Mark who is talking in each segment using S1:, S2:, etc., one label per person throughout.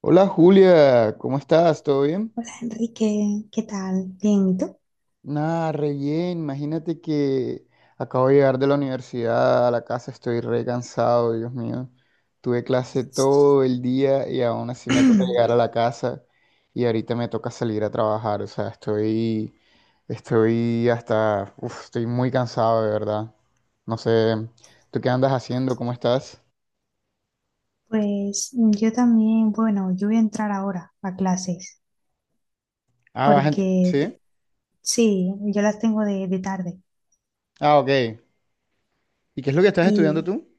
S1: Hola, Julia, ¿cómo estás? ¿Todo bien?
S2: Hola Enrique, ¿qué tal? Bien, ¿y tú?
S1: Nada, re bien. Imagínate que acabo de llegar de la universidad a la casa, estoy re cansado, Dios mío. Tuve clase todo el día y aún así me toca llegar a la casa y ahorita me toca salir a trabajar. O sea, estoy hasta, estoy muy cansado de verdad. No sé, ¿tú qué andas haciendo? ¿Cómo estás?
S2: Pues yo también, bueno, yo voy a entrar ahora a clases
S1: Ah,
S2: porque tú-
S1: ¿Sí?
S2: sí, yo las tengo de tarde
S1: Ah, ok. ¿Y qué es lo que estás estudiando
S2: y
S1: tú?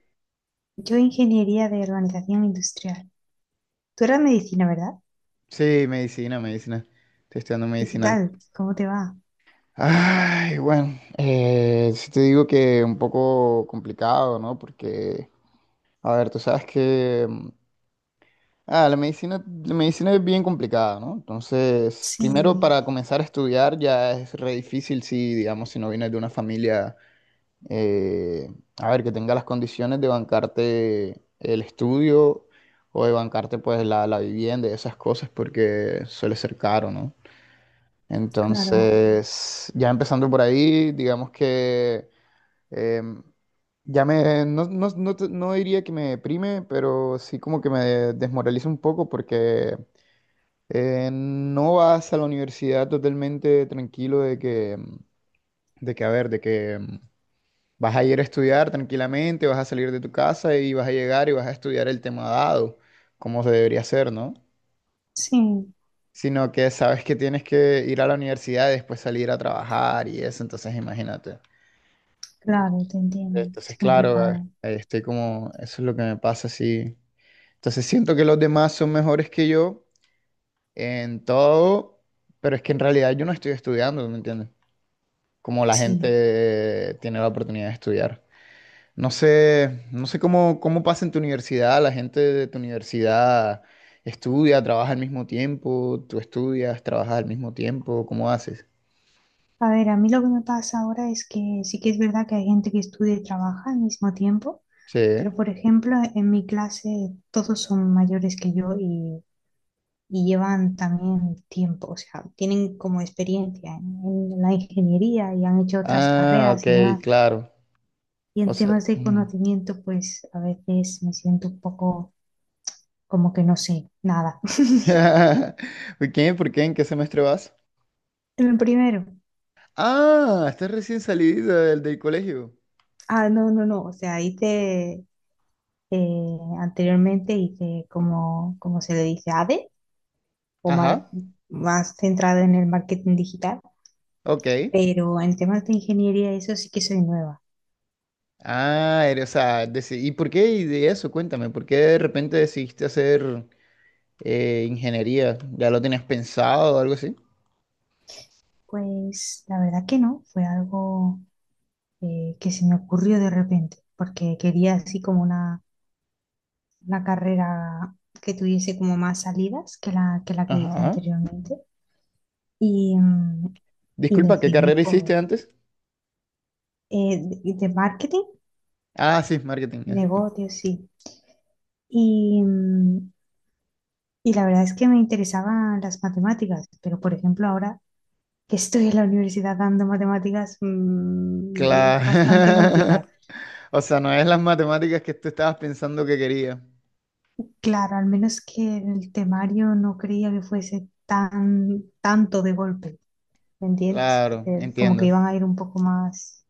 S2: yo ingeniería de organización industrial. Tú eras medicina, ¿verdad?
S1: Sí, medicina. Estoy estudiando
S2: ¿Y qué
S1: medicina.
S2: tal? ¿Cómo te va?
S1: Ay, bueno, sí te digo que un poco complicado, ¿no? Porque, a ver, tú sabes que la medicina es bien complicada, ¿no? Entonces, primero
S2: Sí,
S1: para comenzar a estudiar ya es re difícil si, digamos, si no vienes de una familia, eh, a ver, que tenga las condiciones de bancarte el estudio o de bancarte pues la vivienda y esas cosas porque suele ser caro, ¿no?
S2: claro,
S1: Entonces, ya empezando por ahí, digamos que em, ya me, no diría que me deprime, pero sí como que me desmoraliza un poco porque no vas a la universidad totalmente tranquilo de que, de que, a ver, de que, vas a ir a estudiar tranquilamente, vas a salir de tu casa y vas a llegar y vas a estudiar el tema dado, como se debería hacer, ¿no?
S2: sí,
S1: Sino que sabes que tienes que ir a la universidad y después salir a trabajar y eso, entonces imagínate.
S2: claro, te entiendo. Es
S1: Entonces, claro,
S2: complicado,
S1: ahí estoy como, eso es lo que me pasa, sí. Entonces siento que los demás son mejores que yo en todo, pero es que en realidad yo no estoy estudiando, ¿me entiendes? Como la
S2: sí.
S1: gente tiene la oportunidad de estudiar. No sé, no sé cómo, cómo pasa en tu universidad, la gente de tu universidad estudia, trabaja al mismo tiempo, tú estudias, trabajas al mismo tiempo, ¿cómo haces?
S2: A ver, a mí lo que me pasa ahora es que sí que es verdad que hay gente que estudia y trabaja al mismo tiempo,
S1: Sí.
S2: pero por ejemplo, en mi clase todos son mayores que yo y llevan también tiempo, o sea, tienen como experiencia en la ingeniería y han hecho otras
S1: Ah,
S2: carreras
S1: ok,
S2: y demás.
S1: claro.
S2: Y
S1: O
S2: en
S1: sea,
S2: temas de
S1: mm.
S2: conocimiento, pues a veces me siento un poco como que no sé nada.
S1: ¿Por qué? ¿Por qué? ¿En qué semestre vas?
S2: En el primero,
S1: Ah, estás recién salido del colegio.
S2: ah, no, no, no, o sea, hice anteriormente hice como, como se le dice, ADE, o
S1: Ajá,
S2: mar- más centrado en el marketing digital,
S1: ok.
S2: pero en temas de ingeniería eso sí que soy nueva.
S1: Ah, eres, o sea, ¿y por qué y de eso? Cuéntame, ¿por qué de repente decidiste hacer ingeniería? ¿Ya lo tenías pensado o algo así?
S2: Pues la verdad que no, fue algo que se me ocurrió de repente, porque quería así como una carrera que tuviese como más salidas que la que, la que hice
S1: Ajá.
S2: anteriormente. Y, y
S1: Disculpa, ¿qué
S2: decidí
S1: carrera hiciste
S2: por
S1: antes?
S2: de marketing,
S1: Ah, sí, marketing.
S2: negocios, sí. Y, y la verdad es que me interesaban las matemáticas, pero por ejemplo ahora que estoy en la universidad dando matemáticas es bastante complicado.
S1: Claro. O sea, no es las matemáticas que tú estabas pensando que quería.
S2: Claro, al menos que el temario no creía que fuese tan tanto de golpe, ¿me entiendes? Que,
S1: Claro,
S2: como que
S1: entiendo.
S2: iban a ir un poco más,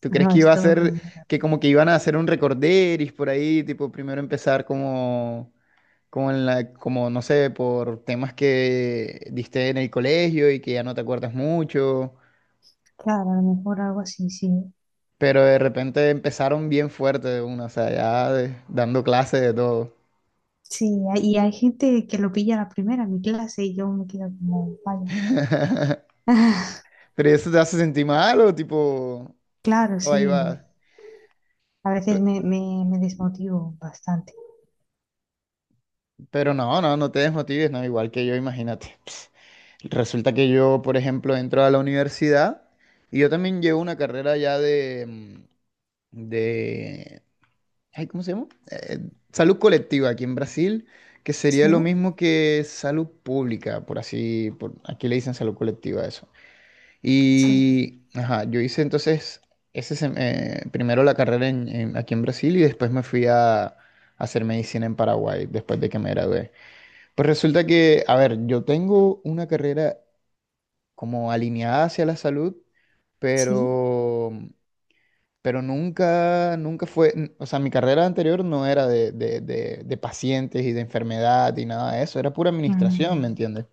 S1: ¿Tú
S2: pero
S1: crees
S2: no,
S1: que
S2: es
S1: iba a
S2: todo
S1: ser,
S2: como muy
S1: que
S2: rápido.
S1: como que iban a hacer un recorderis por ahí, tipo primero empezar como, como en la, como no sé, por temas que diste en el colegio y que ya no te acuerdas mucho,
S2: Claro, a lo mejor algo así, sí.
S1: pero de repente empezaron bien fuerte de una, o sea, dando clases de todo.
S2: Sí, hay- y hay gente que lo pilla a la primera en mi clase y yo me quedo como, vaya.
S1: Pero eso te hace sentir mal o tipo,
S2: Claro,
S1: o ahí
S2: sí.
S1: va.
S2: A veces me desmotivo bastante.
S1: Pero no, no, no te desmotives, no, igual que yo, imagínate. Ps, resulta que yo, por ejemplo, entro a la universidad y yo también llevo una carrera ya de, de, ay, ¿cómo se llama? Salud colectiva aquí en Brasil, que sería
S2: Sí,
S1: lo mismo que salud pública, por así, por, aquí le dicen salud colectiva a eso.
S2: sí,
S1: Y, ajá, yo hice entonces ese, primero la carrera aquí en Brasil y después me fui a hacer medicina en Paraguay, después de que me gradué. Pues resulta que, a ver, yo tengo una carrera como alineada hacia la salud,
S2: sí.
S1: pero, pero nunca, o sea, mi carrera anterior no era de, de pacientes y de enfermedad y nada de eso, era pura administración, ¿me
S2: Mm,
S1: entiendes?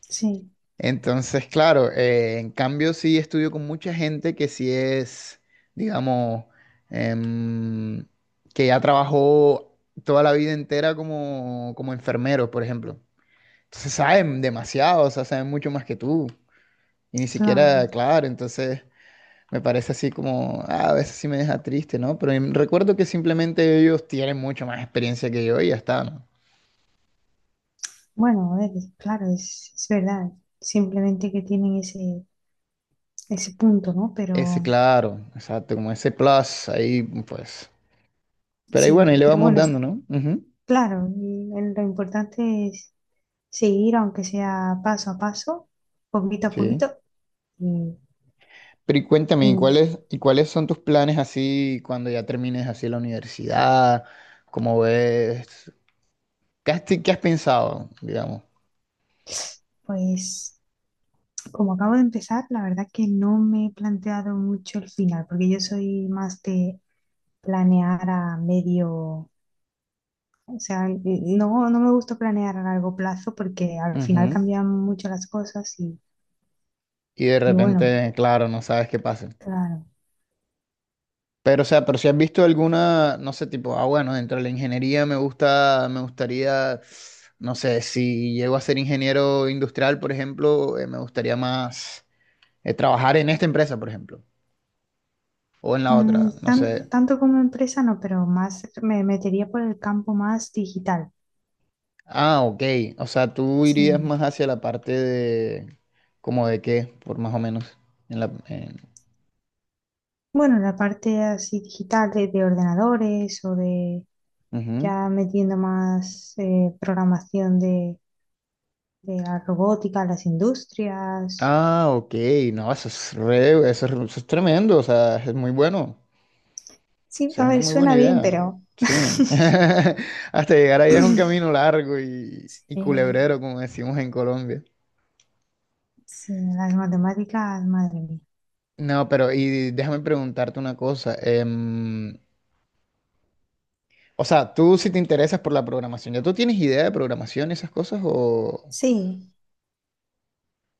S2: sí.
S1: Entonces, claro, en cambio sí estudio con mucha gente que sí es, digamos, em, que ya trabajó toda la vida entera como, como enfermero, por ejemplo. Se saben demasiado, o sea, saben mucho más que tú. Y ni siquiera,
S2: Claro,
S1: claro, entonces me parece así como, ah, a veces sí me deja triste, ¿no? Pero recuerdo que simplemente ellos tienen mucho más experiencia que yo y ya está, ¿no?
S2: bueno, a ver, claro, es verdad, simplemente que tienen ese, ese punto, ¿no?
S1: Ese,
S2: Pero
S1: claro, exacto, como ese plus ahí, pues. Pero ahí bueno, ahí
S2: sí,
S1: le
S2: pero
S1: vamos
S2: bueno,
S1: dando,
S2: es-
S1: ¿no? Ujú,
S2: claro, el- lo importante es seguir, aunque sea paso a paso, poquito a
S1: sí.
S2: poquito, y,
S1: Pero y cuéntame,
S2: y,
S1: y cuáles son tus planes así cuando ya termines así la universidad? ¿Cómo ves? Qué has pensado, digamos?
S2: pues como acabo de empezar, la verdad que no me he planteado mucho el final, porque yo soy más de planear a medio. O sea, no, no me gusta planear a largo plazo porque al final cambian mucho las cosas
S1: Y de
S2: y bueno,
S1: repente, claro, no sabes qué pasa.
S2: claro.
S1: Pero, o sea, pero si has visto alguna, no sé, tipo, ah, bueno, dentro de la ingeniería me gusta, me gustaría, no sé, si llego a ser ingeniero industrial, por ejemplo, me gustaría más trabajar en esta empresa, por ejemplo, o en la otra, no
S2: Tan-
S1: sé.
S2: tanto como empresa no, pero más me metería por el campo más digital.
S1: Ah, ok. O sea, tú irías
S2: Sí.
S1: más hacia la parte de, como de qué, por más o menos, en la, en-
S2: Bueno, la parte así digital de ordenadores o de
S1: Ujú.
S2: ya metiendo más programación de la robótica, las industrias.
S1: Ah, ok, no, eso es eso es, eso es tremendo, o sea, es muy bueno.
S2: Sí,
S1: Esa es
S2: a
S1: una
S2: ver,
S1: muy buena
S2: suena bien,
S1: idea.
S2: pero
S1: Sí. Hasta llegar ahí es un camino largo y
S2: eh,
S1: culebrero, como decimos en Colombia.
S2: sí, las matemáticas, madre mía.
S1: No, pero y déjame preguntarte una cosa. O sea, tú si te interesas por la programación, ¿ya tú tienes idea de programación y esas cosas o
S2: Sí,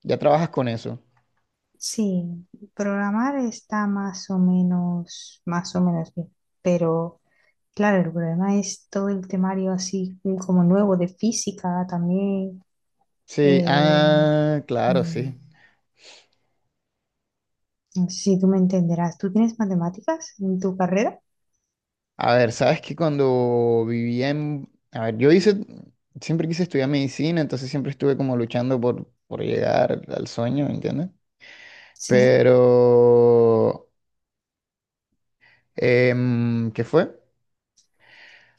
S1: ya trabajas con eso?
S2: sí, programar está más o menos bien, pero claro, el problema es todo el temario así como nuevo de física también.
S1: Sí,
S2: eh,
S1: ah, claro, sí.
S2: mm, no sé si tú me entenderás, ¿tú tienes matemáticas en tu carrera?
S1: A ver, sabes que cuando vivía en... A ver, yo hice... Siempre quise estudiar medicina, entonces siempre estuve como luchando por llegar al sueño, ¿entiendes?
S2: Sí,
S1: Pero, ¿qué fue?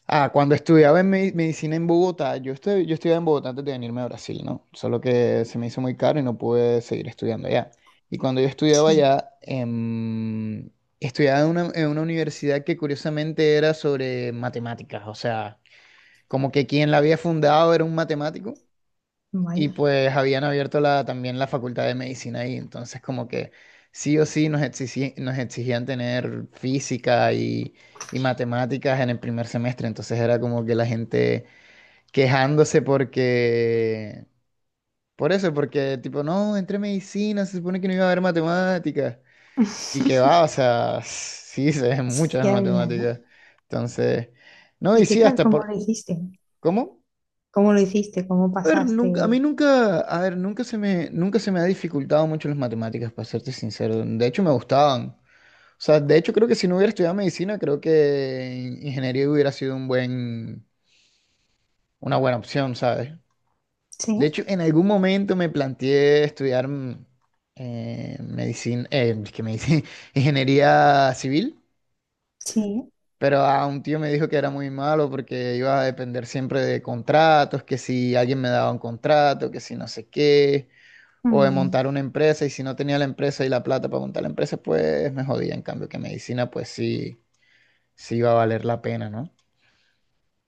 S1: Ah, cuando estudiaba en medicina en Bogotá, yo, yo estudiaba en Bogotá antes de venirme a Brasil, ¿no? Solo que se me hizo muy caro y no pude seguir estudiando allá. Y cuando yo estudiaba
S2: sí,
S1: allá, estudiaba en una universidad que curiosamente era sobre matemáticas, o sea, como que quien la había fundado era un matemático. Y
S2: vaya.
S1: pues habían abierto la, también la facultad de medicina ahí, entonces como que sí o sí nos exigían tener física y matemáticas en el primer semestre, entonces era como que la gente quejándose porque, por eso, porque tipo, no, entré medicina, se supone que no iba a haber matemáticas, y que va, o sea, sí se ven muchas
S2: Ya, ya, ¿no?
S1: matemáticas, entonces, no, y
S2: ¿Y qué
S1: sí,
S2: tal?
S1: hasta
S2: ¿Cómo
S1: por,
S2: lo hiciste?
S1: ¿cómo?
S2: ¿Cómo lo hiciste? ¿Cómo
S1: A ver, nunca, a mí
S2: pasaste?
S1: nunca, a ver, nunca se me, nunca se me ha dificultado mucho las matemáticas, para serte sincero. De hecho, me gustaban. O sea, de hecho, creo que si no hubiera estudiado medicina, creo que ingeniería hubiera sido un buen, una buena opción, ¿sabes?
S2: Sí,
S1: De hecho, en algún momento me planteé estudiar medicina, es que medicina, ingeniería civil,
S2: sí.
S1: pero a un tío me dijo que era muy malo porque iba a depender siempre de contratos, que si alguien me daba un contrato, que si no sé qué. O de
S2: Mm,
S1: montar una empresa, y si no tenía la empresa y la plata para montar la empresa, pues me jodía. En cambio, que medicina, pues sí, sí iba a valer la pena, ¿no?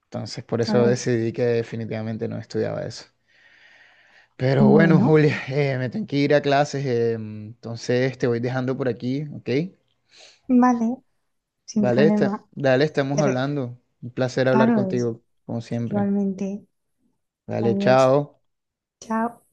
S1: Entonces, por
S2: a
S1: eso
S2: ver,
S1: decidí que definitivamente no estudiaba eso. Pero bueno,
S2: bueno,
S1: Julia, me tengo que ir a clases, entonces te voy dejando por aquí, ¿ok?
S2: vale, sin
S1: Vale,
S2: problema.
S1: dale, estamos
S2: Pero
S1: hablando. Un placer hablar
S2: claro, es
S1: contigo, como siempre.
S2: realmente.
S1: Dale,
S2: Adiós.
S1: chao.
S2: Chao.